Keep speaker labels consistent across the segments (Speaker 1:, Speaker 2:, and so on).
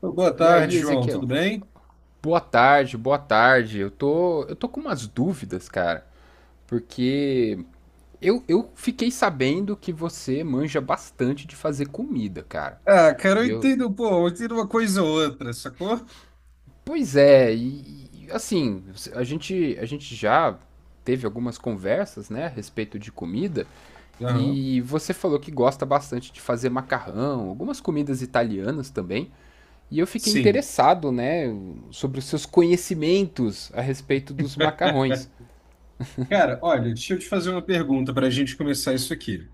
Speaker 1: Pô, boa
Speaker 2: E
Speaker 1: tarde,
Speaker 2: aí,
Speaker 1: João. Tudo
Speaker 2: Ezequiel?
Speaker 1: bem?
Speaker 2: Boa tarde, boa tarde. Eu tô com umas dúvidas, cara, porque eu fiquei sabendo que você manja bastante de fazer comida, cara.
Speaker 1: Ah, cara, eu
Speaker 2: E eu,
Speaker 1: entendo, pô, eu entendo uma coisa ou outra, sacou?
Speaker 2: pois é, assim, a gente já teve algumas conversas, né, a respeito de comida,
Speaker 1: Aham.
Speaker 2: e você falou que gosta bastante de fazer macarrão, algumas comidas italianas também. E eu fiquei
Speaker 1: Sim.
Speaker 2: interessado, né, sobre os seus conhecimentos a respeito dos macarrões.
Speaker 1: Cara, olha, deixa eu te fazer uma pergunta para a gente começar isso aqui.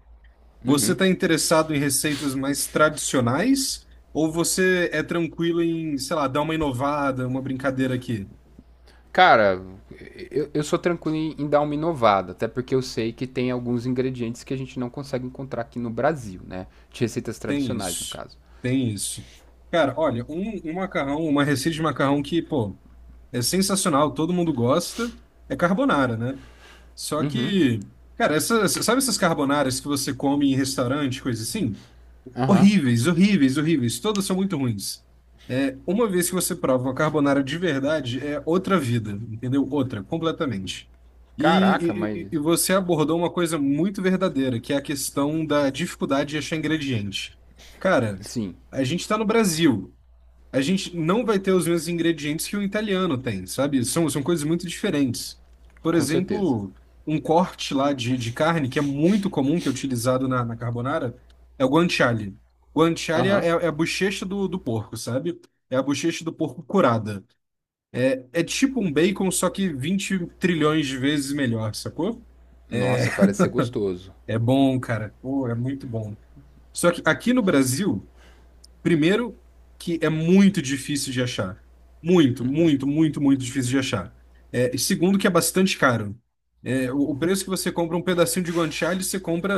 Speaker 1: Você está interessado em receitas mais tradicionais ou você é tranquilo em, sei lá, dar uma inovada, uma brincadeira aqui?
Speaker 2: Cara, eu sou tranquilo em, dar uma inovada, até porque eu sei que tem alguns ingredientes que a gente não consegue encontrar aqui no Brasil, né? De receitas
Speaker 1: Tem
Speaker 2: tradicionais, no
Speaker 1: isso.
Speaker 2: caso.
Speaker 1: Tem isso. Cara, olha, um macarrão, uma receita de macarrão que, pô, é sensacional, todo mundo gosta. É carbonara, né? Só que, cara, essas sabe essas carbonaras que você come em restaurante, coisa assim?
Speaker 2: Aham.
Speaker 1: Horríveis, horríveis, horríveis. Todas são muito ruins. É, uma vez que você prova uma carbonara de verdade, é outra vida, entendeu? Outra, completamente. E,
Speaker 2: Caraca,
Speaker 1: e
Speaker 2: mas.
Speaker 1: você abordou uma coisa muito verdadeira, que é a questão da dificuldade de achar ingrediente. Cara,
Speaker 2: Sim,
Speaker 1: a gente está no Brasil, a gente não vai ter os mesmos ingredientes que o italiano tem, sabe? São, são coisas muito diferentes. Por
Speaker 2: com certeza.
Speaker 1: exemplo, um corte lá de carne que é muito comum, que é utilizado na carbonara, é o guanciale. Guanciale é,
Speaker 2: Aham.
Speaker 1: é a bochecha do porco, sabe? É a bochecha do porco curada. É, é tipo um bacon, só que 20 trilhões de vezes melhor, sacou? É
Speaker 2: Nossa, parece ser gostoso.
Speaker 1: é bom, cara. Pô, é muito bom. Só que aqui no Brasil, primeiro, que é muito difícil de achar. Muito, muito, muito, muito difícil de achar. É, e segundo, que é bastante caro. É, o preço que você compra um pedacinho de guanciale, você compra,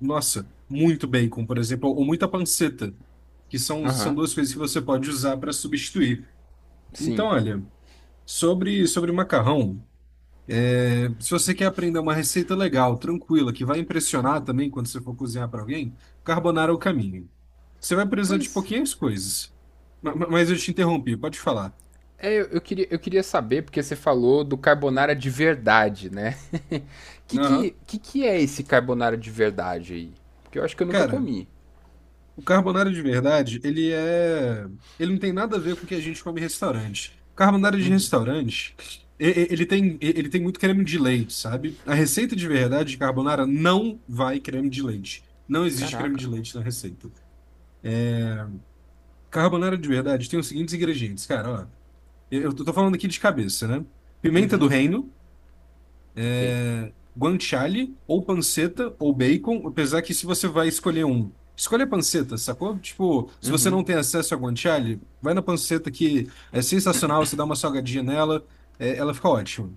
Speaker 1: nossa, muito bacon, por exemplo, ou muita panceta, que são, são
Speaker 2: Aham.
Speaker 1: duas coisas que você pode usar para substituir. Então,
Speaker 2: Sim.
Speaker 1: olha, sobre, sobre macarrão. Se você quer aprender uma receita legal, tranquila, que vai impressionar também quando você for cozinhar para alguém, carbonara é o caminho. Você vai precisar de
Speaker 2: Pois
Speaker 1: pouquinhas coisas. Mas eu te interrompi, pode falar.
Speaker 2: é, eu queria, eu queria saber, porque você falou do carbonara de verdade, né? Que que,
Speaker 1: Aham.
Speaker 2: que que é esse carbonara de verdade aí? Porque eu acho que eu nunca
Speaker 1: Cara,
Speaker 2: comi.
Speaker 1: o carbonara de verdade, ele é. Ele não tem nada a ver com o que a gente come em restaurante. Carbonara de restaurante, ele tem muito creme de leite, sabe? A receita de verdade de carbonara não vai creme de leite. Não existe creme de
Speaker 2: Caraca.
Speaker 1: leite na receita. Carbonara de verdade tem os seguintes ingredientes, cara, ó. Eu tô falando aqui de cabeça, né? Pimenta do
Speaker 2: Uhum,
Speaker 1: reino,
Speaker 2: ok.
Speaker 1: é, guanciale, ou panceta, ou bacon, apesar que se você vai escolher um, escolha a panceta, sacou? Tipo, se você
Speaker 2: Uhum.
Speaker 1: não tem acesso a guanciale, vai na panceta que é sensacional, você dá uma salgadinha nela, é, ela fica ótima.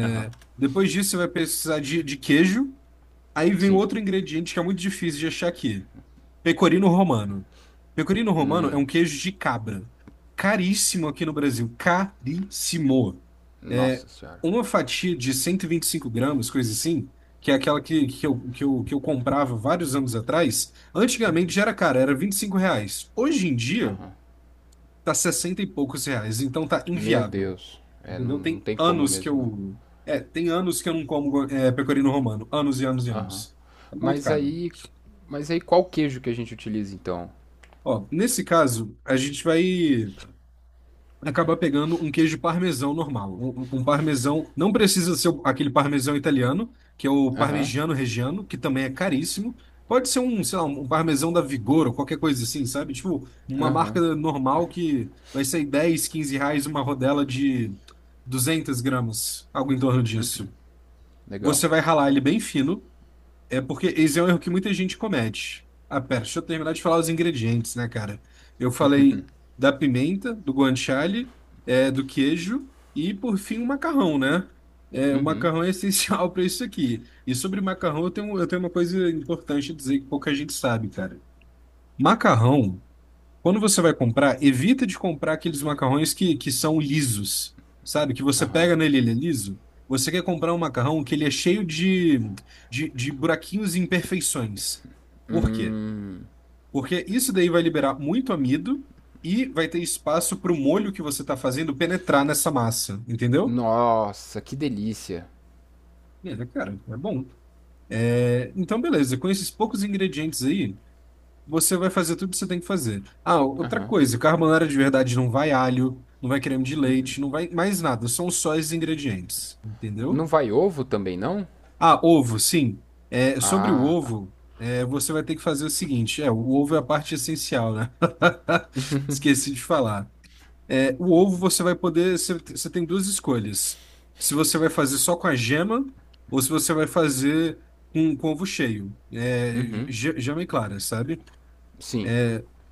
Speaker 2: Aham.
Speaker 1: depois disso, você vai precisar de queijo, aí vem
Speaker 2: Sim.
Speaker 1: outro ingrediente que é muito difícil de achar aqui. Pecorino romano. Pecorino romano é um queijo de cabra. Caríssimo aqui no Brasil. Caríssimo. É
Speaker 2: Nossa senhora.
Speaker 1: uma fatia de cento e vinte e cinco gramas, coisa assim, que, é aquela que eu comprava vários anos atrás. Antigamente já era cara, era 25 reais. Hoje em dia,
Speaker 2: Aham.
Speaker 1: tá 60 e poucos reais. Então tá
Speaker 2: Meu
Speaker 1: inviável.
Speaker 2: Deus. É, não,
Speaker 1: Entendeu?
Speaker 2: não
Speaker 1: Tem
Speaker 2: tem como
Speaker 1: anos que
Speaker 2: mesmo, não.
Speaker 1: eu. É, tem anos que eu não como é, pecorino romano. Anos e anos e
Speaker 2: Aham.
Speaker 1: anos. É muito
Speaker 2: Mas
Speaker 1: caro.
Speaker 2: aí. Mas aí qual queijo que a gente utiliza então?
Speaker 1: Ó, nesse caso, a gente vai acabar pegando um queijo parmesão normal. Um parmesão, não precisa ser o- aquele parmesão italiano, que é o
Speaker 2: Aham.
Speaker 1: parmigiano reggiano, que também é caríssimo. Pode ser um, sei lá, um parmesão da Vigor ou qualquer coisa assim, sabe? Tipo, uma
Speaker 2: Aham.
Speaker 1: marca normal que vai sair 10 15 reais uma rodela de 200 gramas, algo em torno disso.
Speaker 2: Legal.
Speaker 1: Você vai ralar ele bem fino, é porque esse é um erro que muita gente comete. Ah, pera, deixa eu terminar de falar os ingredientes, né, cara? Eu falei da pimenta, do guanciale, é, do queijo e, por fim, o macarrão, né? É, o macarrão é essencial para isso aqui. E sobre macarrão, eu tenho uma coisa importante a dizer que pouca gente sabe, cara. Macarrão. Quando você vai comprar, evita de comprar aqueles macarrões que são lisos, sabe? Que você
Speaker 2: Aham.
Speaker 1: pega nele, ele é liso. Você quer comprar um macarrão que ele é cheio de, de buraquinhos e imperfeições. Por quê? Porque isso daí vai liberar muito amido e vai ter espaço para o molho que você está fazendo penetrar nessa massa, entendeu?
Speaker 2: Nossa, que delícia.
Speaker 1: É, cara, é bom. É, então, beleza, com esses poucos ingredientes aí. Você vai fazer tudo que você tem que fazer. Ah, outra
Speaker 2: Aham.
Speaker 1: coisa, carbonara de verdade não vai alho, não vai creme de leite, não vai mais nada, são só os ingredientes,
Speaker 2: Não
Speaker 1: entendeu?
Speaker 2: vai ovo também, não?
Speaker 1: Ah, ovo, sim. É, sobre o
Speaker 2: Ah, tá.
Speaker 1: ovo, é, você vai ter que fazer o seguinte, é, o ovo é a parte essencial, né? Esqueci de falar. É, o ovo você vai poder, você, você tem duas escolhas. Se você vai fazer só com a gema ou se você vai fazer com ovo cheio, é,
Speaker 2: Uhum.
Speaker 1: gema e clara, sabe?
Speaker 2: Sim.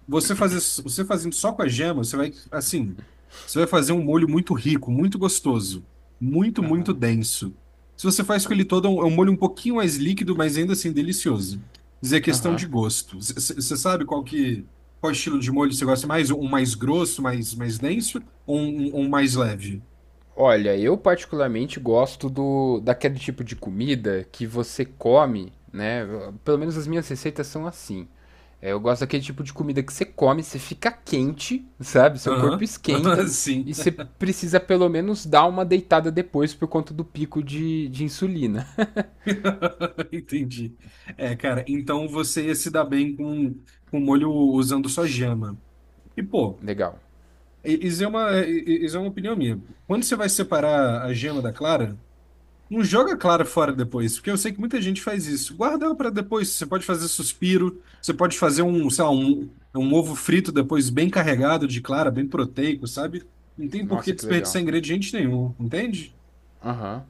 Speaker 1: Você fazer, você fazendo só com a gema, você vai, assim, você vai fazer um molho muito rico, muito gostoso, muito, muito
Speaker 2: Aham.
Speaker 1: denso. Se você faz com ele todo, é um molho um pouquinho mais líquido, mas ainda assim delicioso. Dizer questão
Speaker 2: Aham.
Speaker 1: de gosto. Você sabe qual que, qual estilo de molho você gosta mais? Um mais grosso, mais, mais denso, ou um, um mais leve?
Speaker 2: Olha, eu particularmente gosto do daquele tipo de comida que você come, né? Pelo menos as minhas receitas são assim. É, eu gosto daquele tipo de comida que você come, você fica quente, sabe? Seu corpo
Speaker 1: Aham,
Speaker 2: esquenta
Speaker 1: sim,
Speaker 2: e você precisa pelo menos dar uma deitada depois por conta do pico de insulina.
Speaker 1: entendi. É, cara, então você ia se dar bem com molho usando só gema. E, pô,
Speaker 2: Legal.
Speaker 1: isso é uma opinião minha. Quando você vai separar a gema da clara, não joga a clara fora depois, porque eu sei que muita gente faz isso. Guarda ela para depois. Você pode fazer suspiro, você pode fazer um, sei lá, um ovo frito depois bem carregado de clara, bem proteico, sabe? Não tem por que
Speaker 2: Nossa, que legal.
Speaker 1: desperdiçar ingrediente nenhum, entende?
Speaker 2: Aham.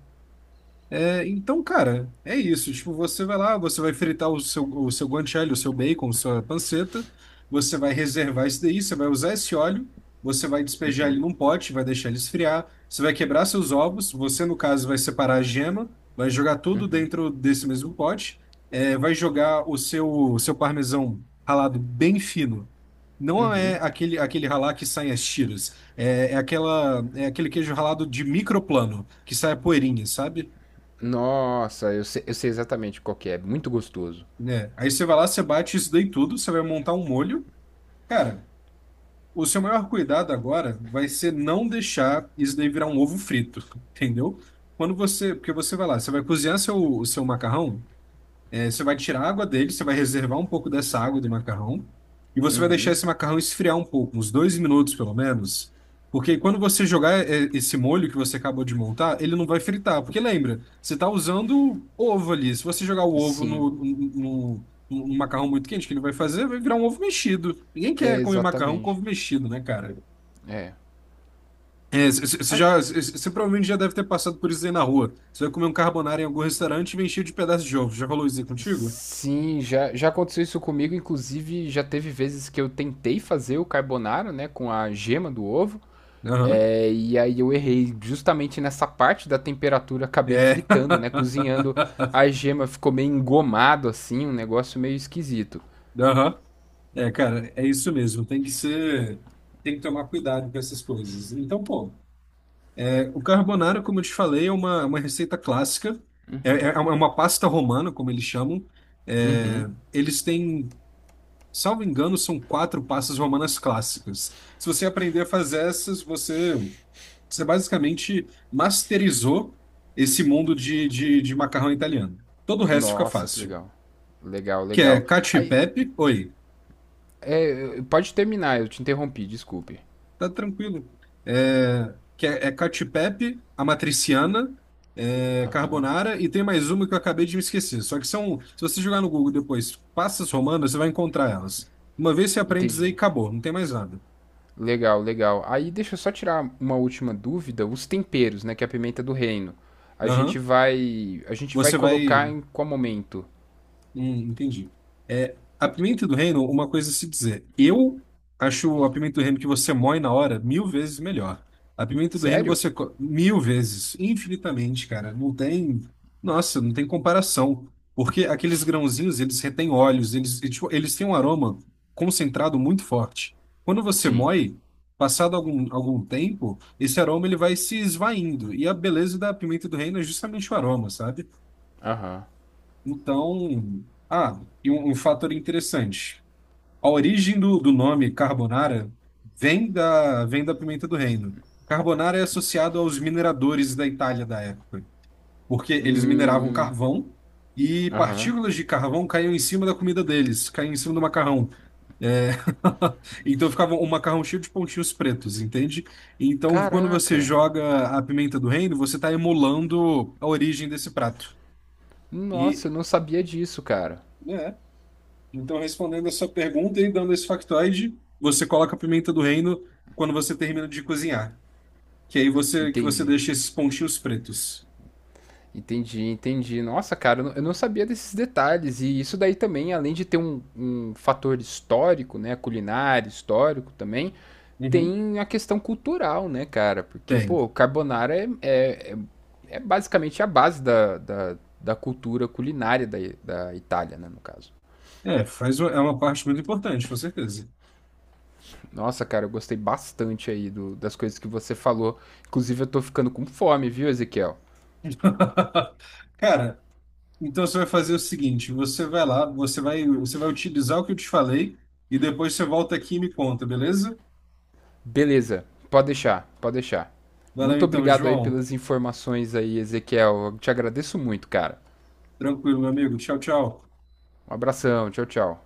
Speaker 1: É, então, cara, é isso. Tipo, você vai lá, você vai fritar o seu guanciale, o seu bacon, sua panceta, você vai reservar isso daí, você vai usar esse óleo, você vai despejar ele num pote, vai deixar ele esfriar, você vai quebrar seus ovos, você, no caso, vai separar a gema, vai jogar tudo dentro desse mesmo pote, é, vai jogar o seu parmesão ralado bem fino. Não é
Speaker 2: Uhum.
Speaker 1: aquele, aquele ralar que sai as tiras, é, é, aquela, é aquele queijo ralado de microplano, que sai a poeirinha, sabe?
Speaker 2: Nossa, eu sei exatamente qual que é. Muito gostoso.
Speaker 1: Né? Aí você vai lá, você bate isso daí tudo, você vai montar um molho. Cara, o seu maior cuidado agora vai ser não deixar isso daí virar um ovo frito, entendeu? Quando você, porque você vai lá, você vai cozinhar seu, o seu macarrão, é, você vai tirar a água dele, você vai reservar um pouco dessa água do macarrão e você vai deixar esse macarrão esfriar um pouco, uns 2 minutos pelo menos, porque quando você jogar é, esse molho que você acabou de montar, ele não vai fritar, porque lembra, você está usando ovo ali. Se você jogar o ovo
Speaker 2: Sim,
Speaker 1: no, no macarrão muito quente, o que ele vai fazer? Vai virar um ovo mexido. Ninguém
Speaker 2: é
Speaker 1: quer comer macarrão com
Speaker 2: exatamente.
Speaker 1: ovo mexido, né, cara?
Speaker 2: É.
Speaker 1: É, você
Speaker 2: Ah,
Speaker 1: já, você provavelmente já deve ter passado por isso aí na rua. Você vai comer um carbonara em algum restaurante e vem cheio de pedaços de ovo. Já rolou isso aí contigo?
Speaker 2: sim, já aconteceu isso comigo. Inclusive, já teve vezes que eu tentei fazer o carbonara, né, com a gema do ovo.
Speaker 1: Aham.
Speaker 2: É, e aí eu errei justamente nessa parte da temperatura, acabei
Speaker 1: É.
Speaker 2: fritando, né, cozinhando a gema, ficou meio engomado assim, um negócio meio esquisito.
Speaker 1: Aham. É, cara, é isso mesmo. Tem que ser. Tem que tomar cuidado com essas coisas. Então, pô, é, o carbonara, como eu te falei, é uma receita clássica. É, é uma pasta romana, como eles chamam. É,
Speaker 2: Uhum.
Speaker 1: eles têm, salvo engano, são quatro pastas romanas clássicas. Se você aprender a fazer essas, você, você basicamente masterizou esse mundo de, de macarrão italiano. Todo o resto fica
Speaker 2: Nossa, que
Speaker 1: fácil.
Speaker 2: legal. Legal,
Speaker 1: Que é
Speaker 2: legal.
Speaker 1: cacio e
Speaker 2: Aí,
Speaker 1: pepe. Oi.
Speaker 2: pode terminar, eu te interrompi, desculpe.
Speaker 1: Tá tranquilo. É, que é, é Cacio e Pepe, a matriciana, é,
Speaker 2: Aham.
Speaker 1: carbonara e tem mais uma que eu acabei de me esquecer. Só que são, se você jogar no Google depois, passas romanas, você vai encontrar elas. Uma vez você aprende isso aí,
Speaker 2: Entendi.
Speaker 1: acabou, não tem mais nada.
Speaker 2: Legal, legal. Aí deixa eu só tirar uma última dúvida, os temperos, né, que é a pimenta do reino. A gente
Speaker 1: Aham.
Speaker 2: vai, a gente vai
Speaker 1: Você vai.
Speaker 2: colocar em qual momento?
Speaker 1: Entendi. É, a pimenta do reino, uma coisa a se dizer. Eu acho a pimenta do reino que você moe na hora mil vezes melhor. A pimenta do reino
Speaker 2: Sério?
Speaker 1: você co- mil vezes, infinitamente, cara. Não tem, nossa, não tem comparação. Porque aqueles grãozinhos, eles retêm óleos, eles, e, tipo, eles têm um aroma concentrado muito forte. Quando você
Speaker 2: Sim.
Speaker 1: moe, passado algum tempo, esse aroma ele vai se esvaindo. E a beleza da pimenta do reino é justamente o aroma, sabe?
Speaker 2: Aham.
Speaker 1: Então, ah, e um fator interessante. A origem do nome carbonara vem da pimenta do reino. Carbonara é associado aos mineradores da Itália da época, porque eles mineravam carvão e
Speaker 2: Aham.
Speaker 1: partículas de carvão caíam em cima da comida deles, caíam em cima do macarrão. É, então ficava um macarrão cheio de pontinhos pretos, entende? Então, quando você
Speaker 2: Caraca.
Speaker 1: joga a pimenta do reino, você está emulando a origem desse prato. E.
Speaker 2: Nossa, eu não sabia disso, cara.
Speaker 1: É, então, respondendo a sua pergunta e dando esse factoide, você coloca a pimenta do reino quando você termina de cozinhar. Que aí você que você
Speaker 2: Entendi.
Speaker 1: deixa esses pontinhos pretos.
Speaker 2: Entendi, entendi. Nossa, cara, eu não sabia desses detalhes. E isso daí também, além de ter um, um fator histórico, né, culinário, histórico também,
Speaker 1: Uhum.
Speaker 2: tem a questão cultural, né, cara? Porque,
Speaker 1: Tem.
Speaker 2: pô, carbonara é basicamente a base da, da cultura culinária da, da Itália, né, no caso.
Speaker 1: É, faz uma- é uma parte muito importante, com certeza.
Speaker 2: Nossa, cara, eu gostei bastante aí do- das coisas que você falou. Inclusive, eu tô ficando com fome, viu, Ezequiel?
Speaker 1: Cara, então você vai fazer o seguinte, você vai lá, você vai utilizar o que eu te falei e depois você volta aqui e me conta, beleza?
Speaker 2: Beleza, pode deixar, pode deixar.
Speaker 1: Valeu
Speaker 2: Muito
Speaker 1: então,
Speaker 2: obrigado aí
Speaker 1: João.
Speaker 2: pelas informações aí, Ezequiel. Eu te agradeço muito, cara.
Speaker 1: Tranquilo, meu amigo. Tchau, tchau.
Speaker 2: Um abração, tchau, tchau.